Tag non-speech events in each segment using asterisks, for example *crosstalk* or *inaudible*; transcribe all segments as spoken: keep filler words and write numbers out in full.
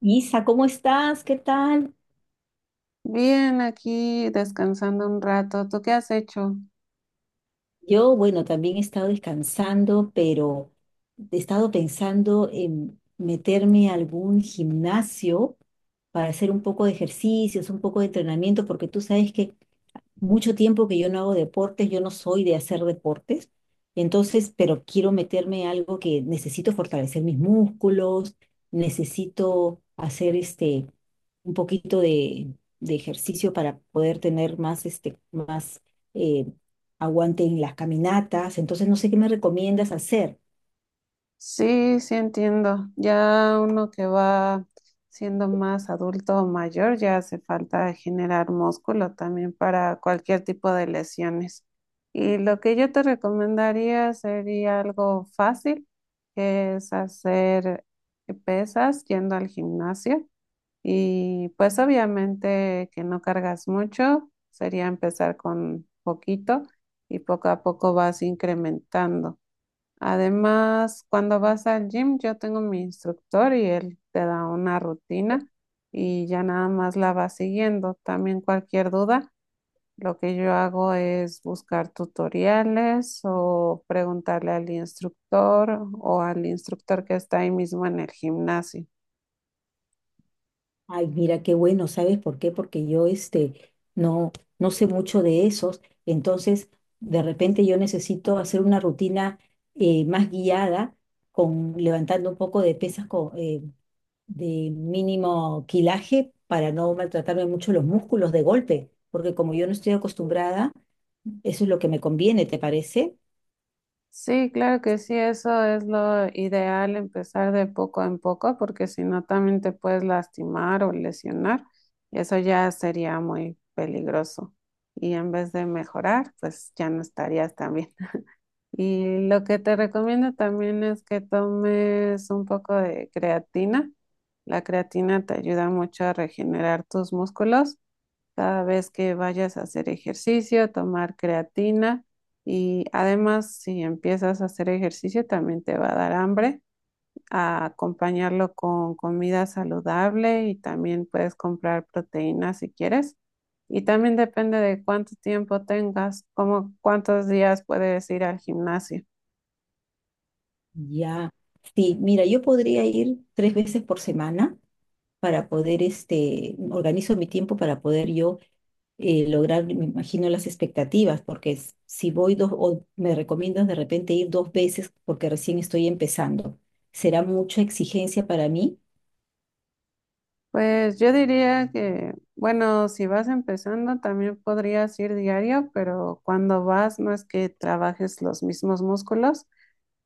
Isa, ¿cómo estás? ¿Qué tal? Bien, aquí descansando un rato. ¿Tú qué has hecho? Yo, bueno, también he estado descansando, pero he estado pensando en meterme a algún gimnasio para hacer un poco de ejercicios, un poco de entrenamiento, porque tú sabes que mucho tiempo que yo no hago deportes, yo no soy de hacer deportes, entonces, pero quiero meterme algo que necesito fortalecer mis músculos, necesito hacer este un poquito de, de ejercicio para poder tener más este más eh, aguante en las caminatas, entonces no sé qué me recomiendas hacer. Sí, sí entiendo. Ya uno que va siendo más adulto o mayor, ya hace falta generar músculo también para cualquier tipo de lesiones. Y lo que yo te recomendaría sería algo fácil, que es hacer pesas yendo al gimnasio. Y pues obviamente que no cargas mucho, sería empezar con poquito y poco a poco vas incrementando. Además, cuando vas al gym, yo tengo mi instructor y él te da una rutina y ya nada más la vas siguiendo. También cualquier duda, lo que yo hago es buscar tutoriales o preguntarle al instructor o al instructor que está ahí mismo en el gimnasio. Ay, mira qué bueno, ¿sabes por qué? Porque yo este no no sé mucho de esos, entonces de repente yo necesito hacer una rutina eh, más guiada con levantando un poco de pesas co- eh, de mínimo quilaje para no maltratarme mucho los músculos de golpe, porque como yo no estoy acostumbrada, eso es lo que me conviene, ¿te parece? Sí, claro que sí, eso es lo ideal, empezar de poco en poco, porque si no también te puedes lastimar o lesionar, y eso ya sería muy peligroso. Y en vez de mejorar, pues ya no estarías tan bien. *laughs* Y lo que te recomiendo también es que tomes un poco de creatina. La creatina te ayuda mucho a regenerar tus músculos cada vez que vayas a hacer ejercicio, tomar creatina y además si empiezas a hacer ejercicio también te va a dar hambre, a acompañarlo con comida saludable y también puedes comprar proteínas si quieres. Y también depende de cuánto tiempo tengas, como cuántos días puedes ir al gimnasio. Ya. Sí, mira, yo podría ir tres veces por semana para poder este organizo mi tiempo para poder yo eh, lograr, me imagino, las expectativas, porque s- si voy dos, o me recomiendas de repente ir dos veces porque recién estoy empezando, será mucha exigencia para mí. Pues yo diría que, bueno, si vas empezando también podrías ir diario, pero cuando vas no es que trabajes los mismos músculos.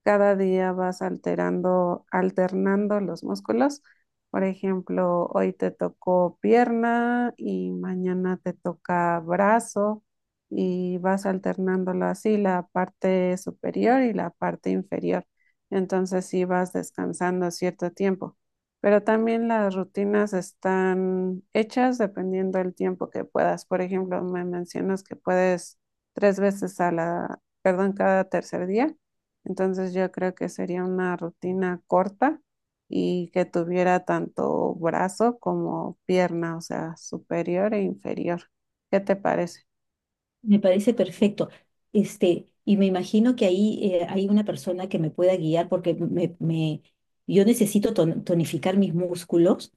Cada día vas alterando, alternando los músculos. Por ejemplo, hoy te tocó pierna y mañana te toca brazo y vas alternándolo así, la parte superior y la parte inferior. Entonces sí vas descansando cierto tiempo. Pero también las rutinas están hechas dependiendo del tiempo que puedas. Por ejemplo, me mencionas que puedes tres veces a la, perdón, cada tercer día. Entonces yo creo que sería una rutina corta y que tuviera tanto brazo como pierna, o sea, superior e inferior. ¿Qué te parece? Me parece perfecto. Este, y me imagino que ahí eh, hay una persona que me pueda guiar porque me, me- yo necesito ton- tonificar mis músculos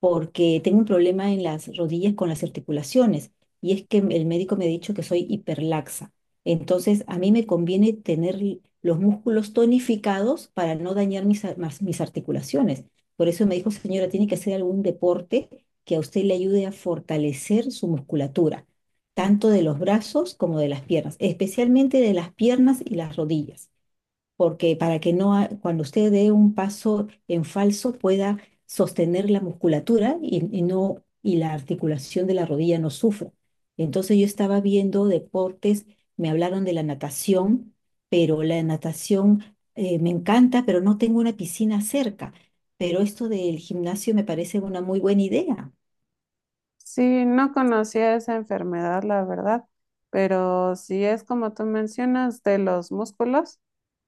porque tengo un problema en las rodillas con las articulaciones y es que el médico me ha dicho que soy hiperlaxa. Entonces, a mí me conviene tener l- los músculos tonificados para no dañar mis, ar- mas- mis articulaciones. Por eso me dijo, señora, tiene que hacer algún deporte que a usted le ayude a fortalecer su musculatura, tanto de los brazos como de las piernas, especialmente de las piernas y las rodillas porque para que no, ha- cuando usted dé un paso en falso pueda sostener la musculatura y, y no, y la articulación de la rodilla no sufra. Entonces yo estaba viendo deportes, me hablaron de la natación, pero la natación eh, me encanta, pero no tengo una piscina cerca. Pero esto del gimnasio me parece una muy buena idea. Sí, no conocía esa enfermedad, la verdad, pero sí es como tú mencionas, de los músculos,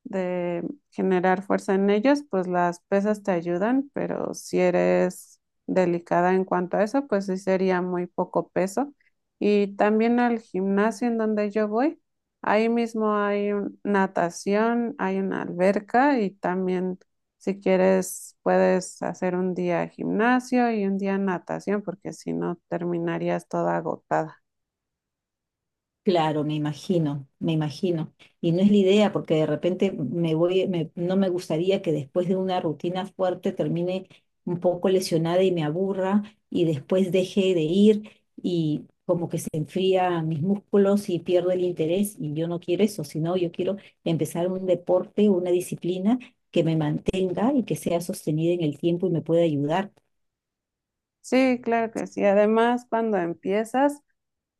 de generar fuerza en ellos, pues las pesas te ayudan, pero si eres delicada en cuanto a eso, pues sí sería muy poco peso. Y también al gimnasio en donde yo voy, ahí mismo hay un- natación, hay una alberca y también si quieres, puedes hacer un día gimnasio y un día natación, porque si no, terminarías toda agotada. Claro, me imagino, me imagino. Y no es la idea, porque de repente me voy, me- no me gustaría que después de una rutina fuerte termine un poco lesionada y me aburra y después deje de ir y como que se enfría mis músculos y pierdo el interés y yo no quiero eso, sino yo quiero empezar un deporte, una disciplina que me mantenga y que sea sostenida en el tiempo y me pueda ayudar. Sí, claro que sí. Además, cuando empiezas,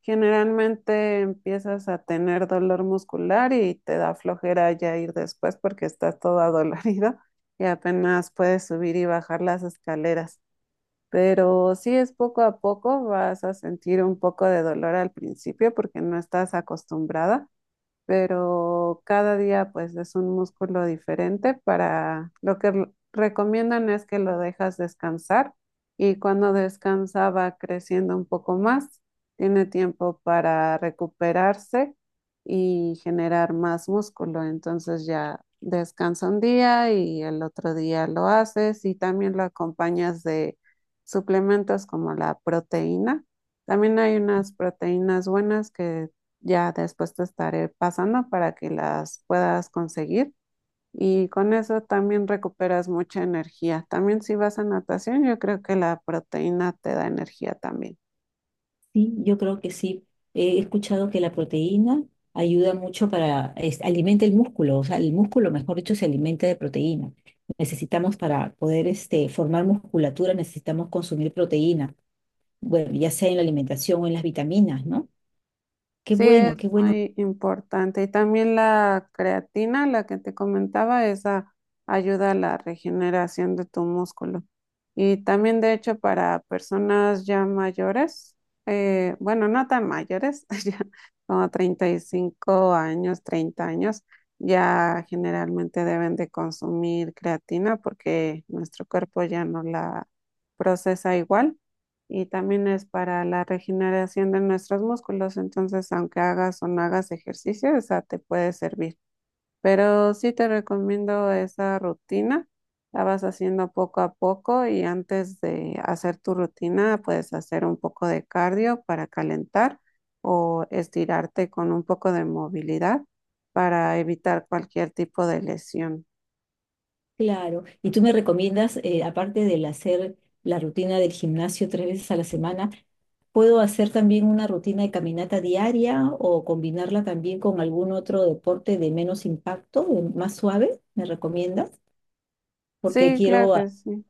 generalmente empiezas a tener dolor muscular y te da flojera ya ir después porque estás toda dolorido *laughs* y apenas puedes subir y bajar las escaleras. Pero sí es poco a poco, vas a sentir un poco de dolor al principio porque no estás acostumbrada, pero cada día pues es un músculo diferente. Para lo que r- recomiendan es que lo dejas descansar y cuando descansa va creciendo un poco más, tiene tiempo para recuperarse y generar más músculo, entonces ya descansa un día y el otro día lo haces y también lo acompañas de suplementos como la proteína. También hay unas proteínas buenas que ya después te estaré pasando para que las puedas conseguir y con eso también recuperas mucha energía. También si vas a natación, yo creo que la proteína te da energía también. Sí, yo creo que sí. He escuchado que la proteína ayuda mucho para, es- alimenta el músculo, o sea, el músculo, mejor dicho, se alimenta de proteína. Necesitamos para poder este, formar musculatura, necesitamos consumir proteína, bueno, ya sea en la alimentación o en las vitaminas, ¿no? Qué Sí, es bueno, qué bueno, muy importante. Y también la creatina, la que te comentaba, esa ayuda a la regeneración de tu músculo. Y también, de hecho, para personas ya mayores, eh, bueno, no tan mayores, *laughs* ya como treinta y cinco años, treinta años, ya generalmente deben de consumir creatina porque nuestro cuerpo ya no la procesa igual y también es para la regeneración de nuestros músculos. Entonces, aunque hagas o no hagas ejercicio, esa te puede servir. Pero sí te recomiendo esa rutina. La vas haciendo poco a poco y antes de hacer tu rutina, puedes hacer un poco de cardio para calentar o estirarte con un poco de movilidad para evitar cualquier tipo de lesión. claro. Y tú me recomiendas, eh, aparte del hacer la rutina del gimnasio tres veces a la semana, puedo hacer también una rutina de caminata diaria o combinarla también con algún otro deporte de menos impacto, de más suave, ¿me recomiendas? Porque Sí, claro quiero a- que sí.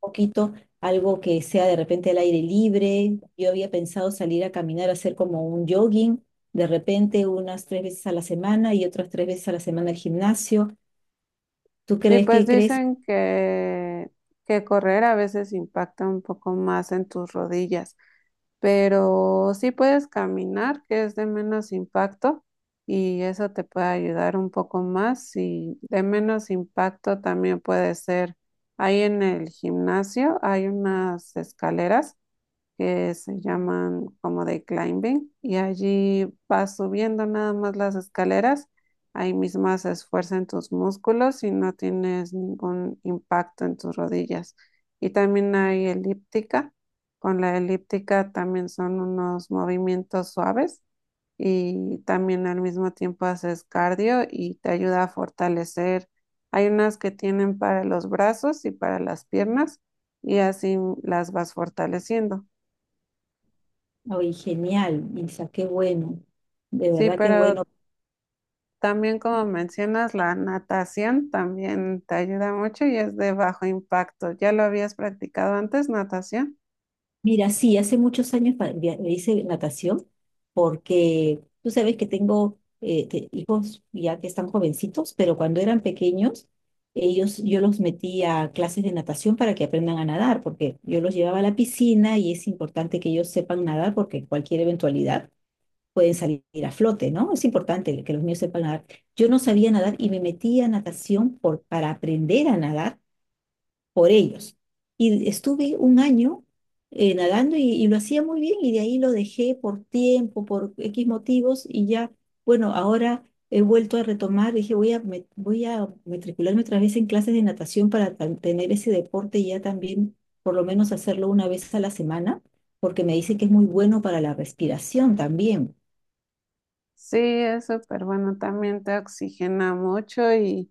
un poquito algo que sea de repente al aire libre. Yo había pensado salir a caminar, hacer como un jogging, de repente unas tres veces a la semana y otras tres veces a la semana al gimnasio. ¿Tú Sí, crees pues que crees? dicen que, que, correr a veces impacta un poco más en tus rodillas, pero sí puedes caminar, que es de menos impacto, y eso te puede ayudar un poco más. Y de menos impacto también puede ser, ahí en el gimnasio hay unas escaleras que se llaman como de climbing y allí vas subiendo nada más las escaleras, ahí mismo se esfuerzan tus músculos y no tienes ningún impacto en tus rodillas. Y también hay elíptica, con la elíptica también son unos movimientos suaves y también al mismo tiempo haces cardio y te ayuda a fortalecer. Hay unas que tienen para los brazos y para las piernas y así las vas fortaleciendo. Ay, genial, Isa, qué bueno. De Sí, verdad qué pero bueno. también como mencionas, la natación también te ayuda mucho y es de bajo impacto. ¿Ya lo habías practicado antes, natación? Mira, sí, hace muchos años pa- via- hice natación porque tú sabes que tengo eh, te- hijos ya que están jovencitos, pero cuando eran pequeños, ellos, yo los metí a clases de natación para que aprendan a nadar, porque yo los llevaba a la piscina y es importante que ellos sepan nadar porque cualquier eventualidad pueden salir a flote, ¿no? Es importante que los niños sepan nadar. Yo no sabía nadar y me metí a natación por, para aprender a nadar por ellos. Y estuve un año eh, nadando y, y lo hacía muy bien y de ahí lo dejé por tiempo, por equis motivos y ya, bueno, ahora he vuelto a retomar, dije voy a, me- voy a matricularme otra vez en clases de natación para tan- tener ese deporte y ya también por lo menos hacerlo una vez a la semana, porque me dice que es muy bueno para la respiración también. Sí, es súper bueno, también te oxigena mucho y,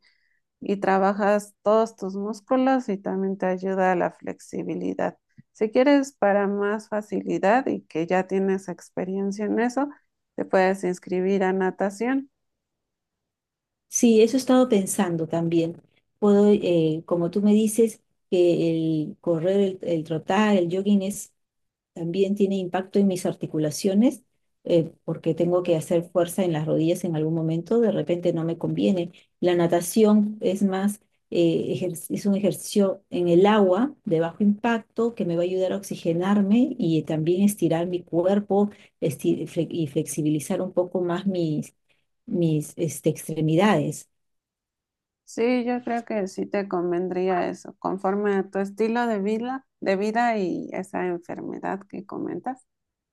y trabajas todos tus músculos y también te ayuda a la flexibilidad. Si quieres para más facilidad y que ya tienes experiencia en eso, te puedes inscribir a natación. Sí, eso he estado pensando también. Puedo, eh, como tú me dices, que el correr, el, el trotar, el jogging es también tiene impacto en mis articulaciones eh, porque tengo que hacer fuerza en las rodillas en algún momento, de repente no me conviene. La natación es más, eh, ejer- es un ejercicio en el agua de bajo impacto que me va a ayudar a oxigenarme y también estirar mi cuerpo esti- fle- y flexibilizar un poco más mis, mis este, extremidades. Sí, yo creo que sí te convendría eso, conforme a tu estilo de vida, de vida y esa enfermedad que comentas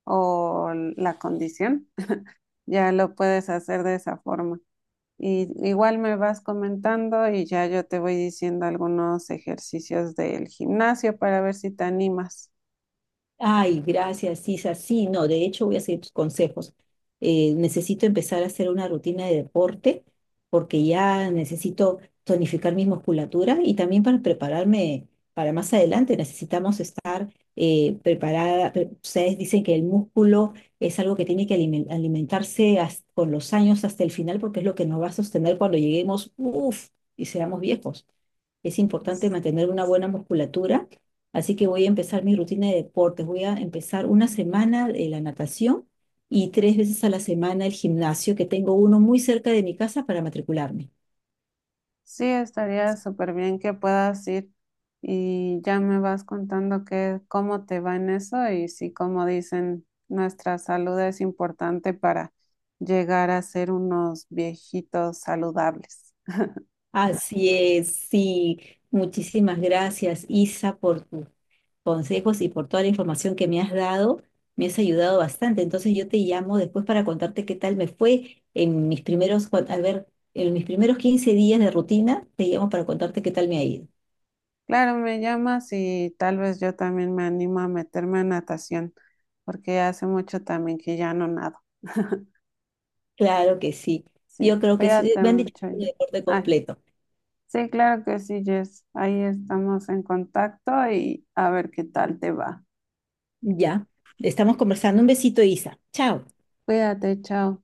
o la condición, *laughs* ya lo puedes hacer de esa forma. Y igual me vas comentando y ya yo te voy diciendo algunos ejercicios del gimnasio para ver si te animas. Ay, gracias, Isa. Sí, no, de hecho voy a seguir tus consejos. Eh, necesito empezar a hacer una rutina de deporte porque ya necesito tonificar mi musculatura y también para prepararme para más adelante necesitamos estar eh, preparada. pre- Ustedes dicen que el músculo es algo que tiene que alimen- alimentarse has- con los años hasta el final porque es lo que nos va a sostener cuando lleguemos, uff, y seamos viejos. Es importante mantener una buena musculatura. Así que voy a empezar mi rutina de deportes. Voy a empezar una semana de la natación y tres veces a la semana el gimnasio, que tengo uno muy cerca de mi casa para matricularme. Sí, estaría súper bien que puedas ir y ya me vas contando que, cómo te va en eso y si, como dicen, nuestra salud es importante para llegar a ser unos viejitos saludables. Así es, sí. Muchísimas gracias, Isa, por tus consejos y por toda la información que me has dado. Me has ayudado bastante. Entonces yo te llamo después para contarte qué tal me fue en mis primeros, cua- a ver, en mis primeros quince días de rutina, te llamo para contarte qué tal me ha ido. Claro, me llamas y tal vez yo también me animo a meterme a natación, porque hace mucho también que ya no nado. *laughs* Claro que sí. Sí, Yo creo que sí. cuídate Me han dicho que mucho. es un y- deporte Ay, completo. sí, claro que sí, Jess. Ahí estamos en contacto y a ver qué tal te va. Ya. Estamos conversando. Un besito, Isa. Chao. Cuídate, chao.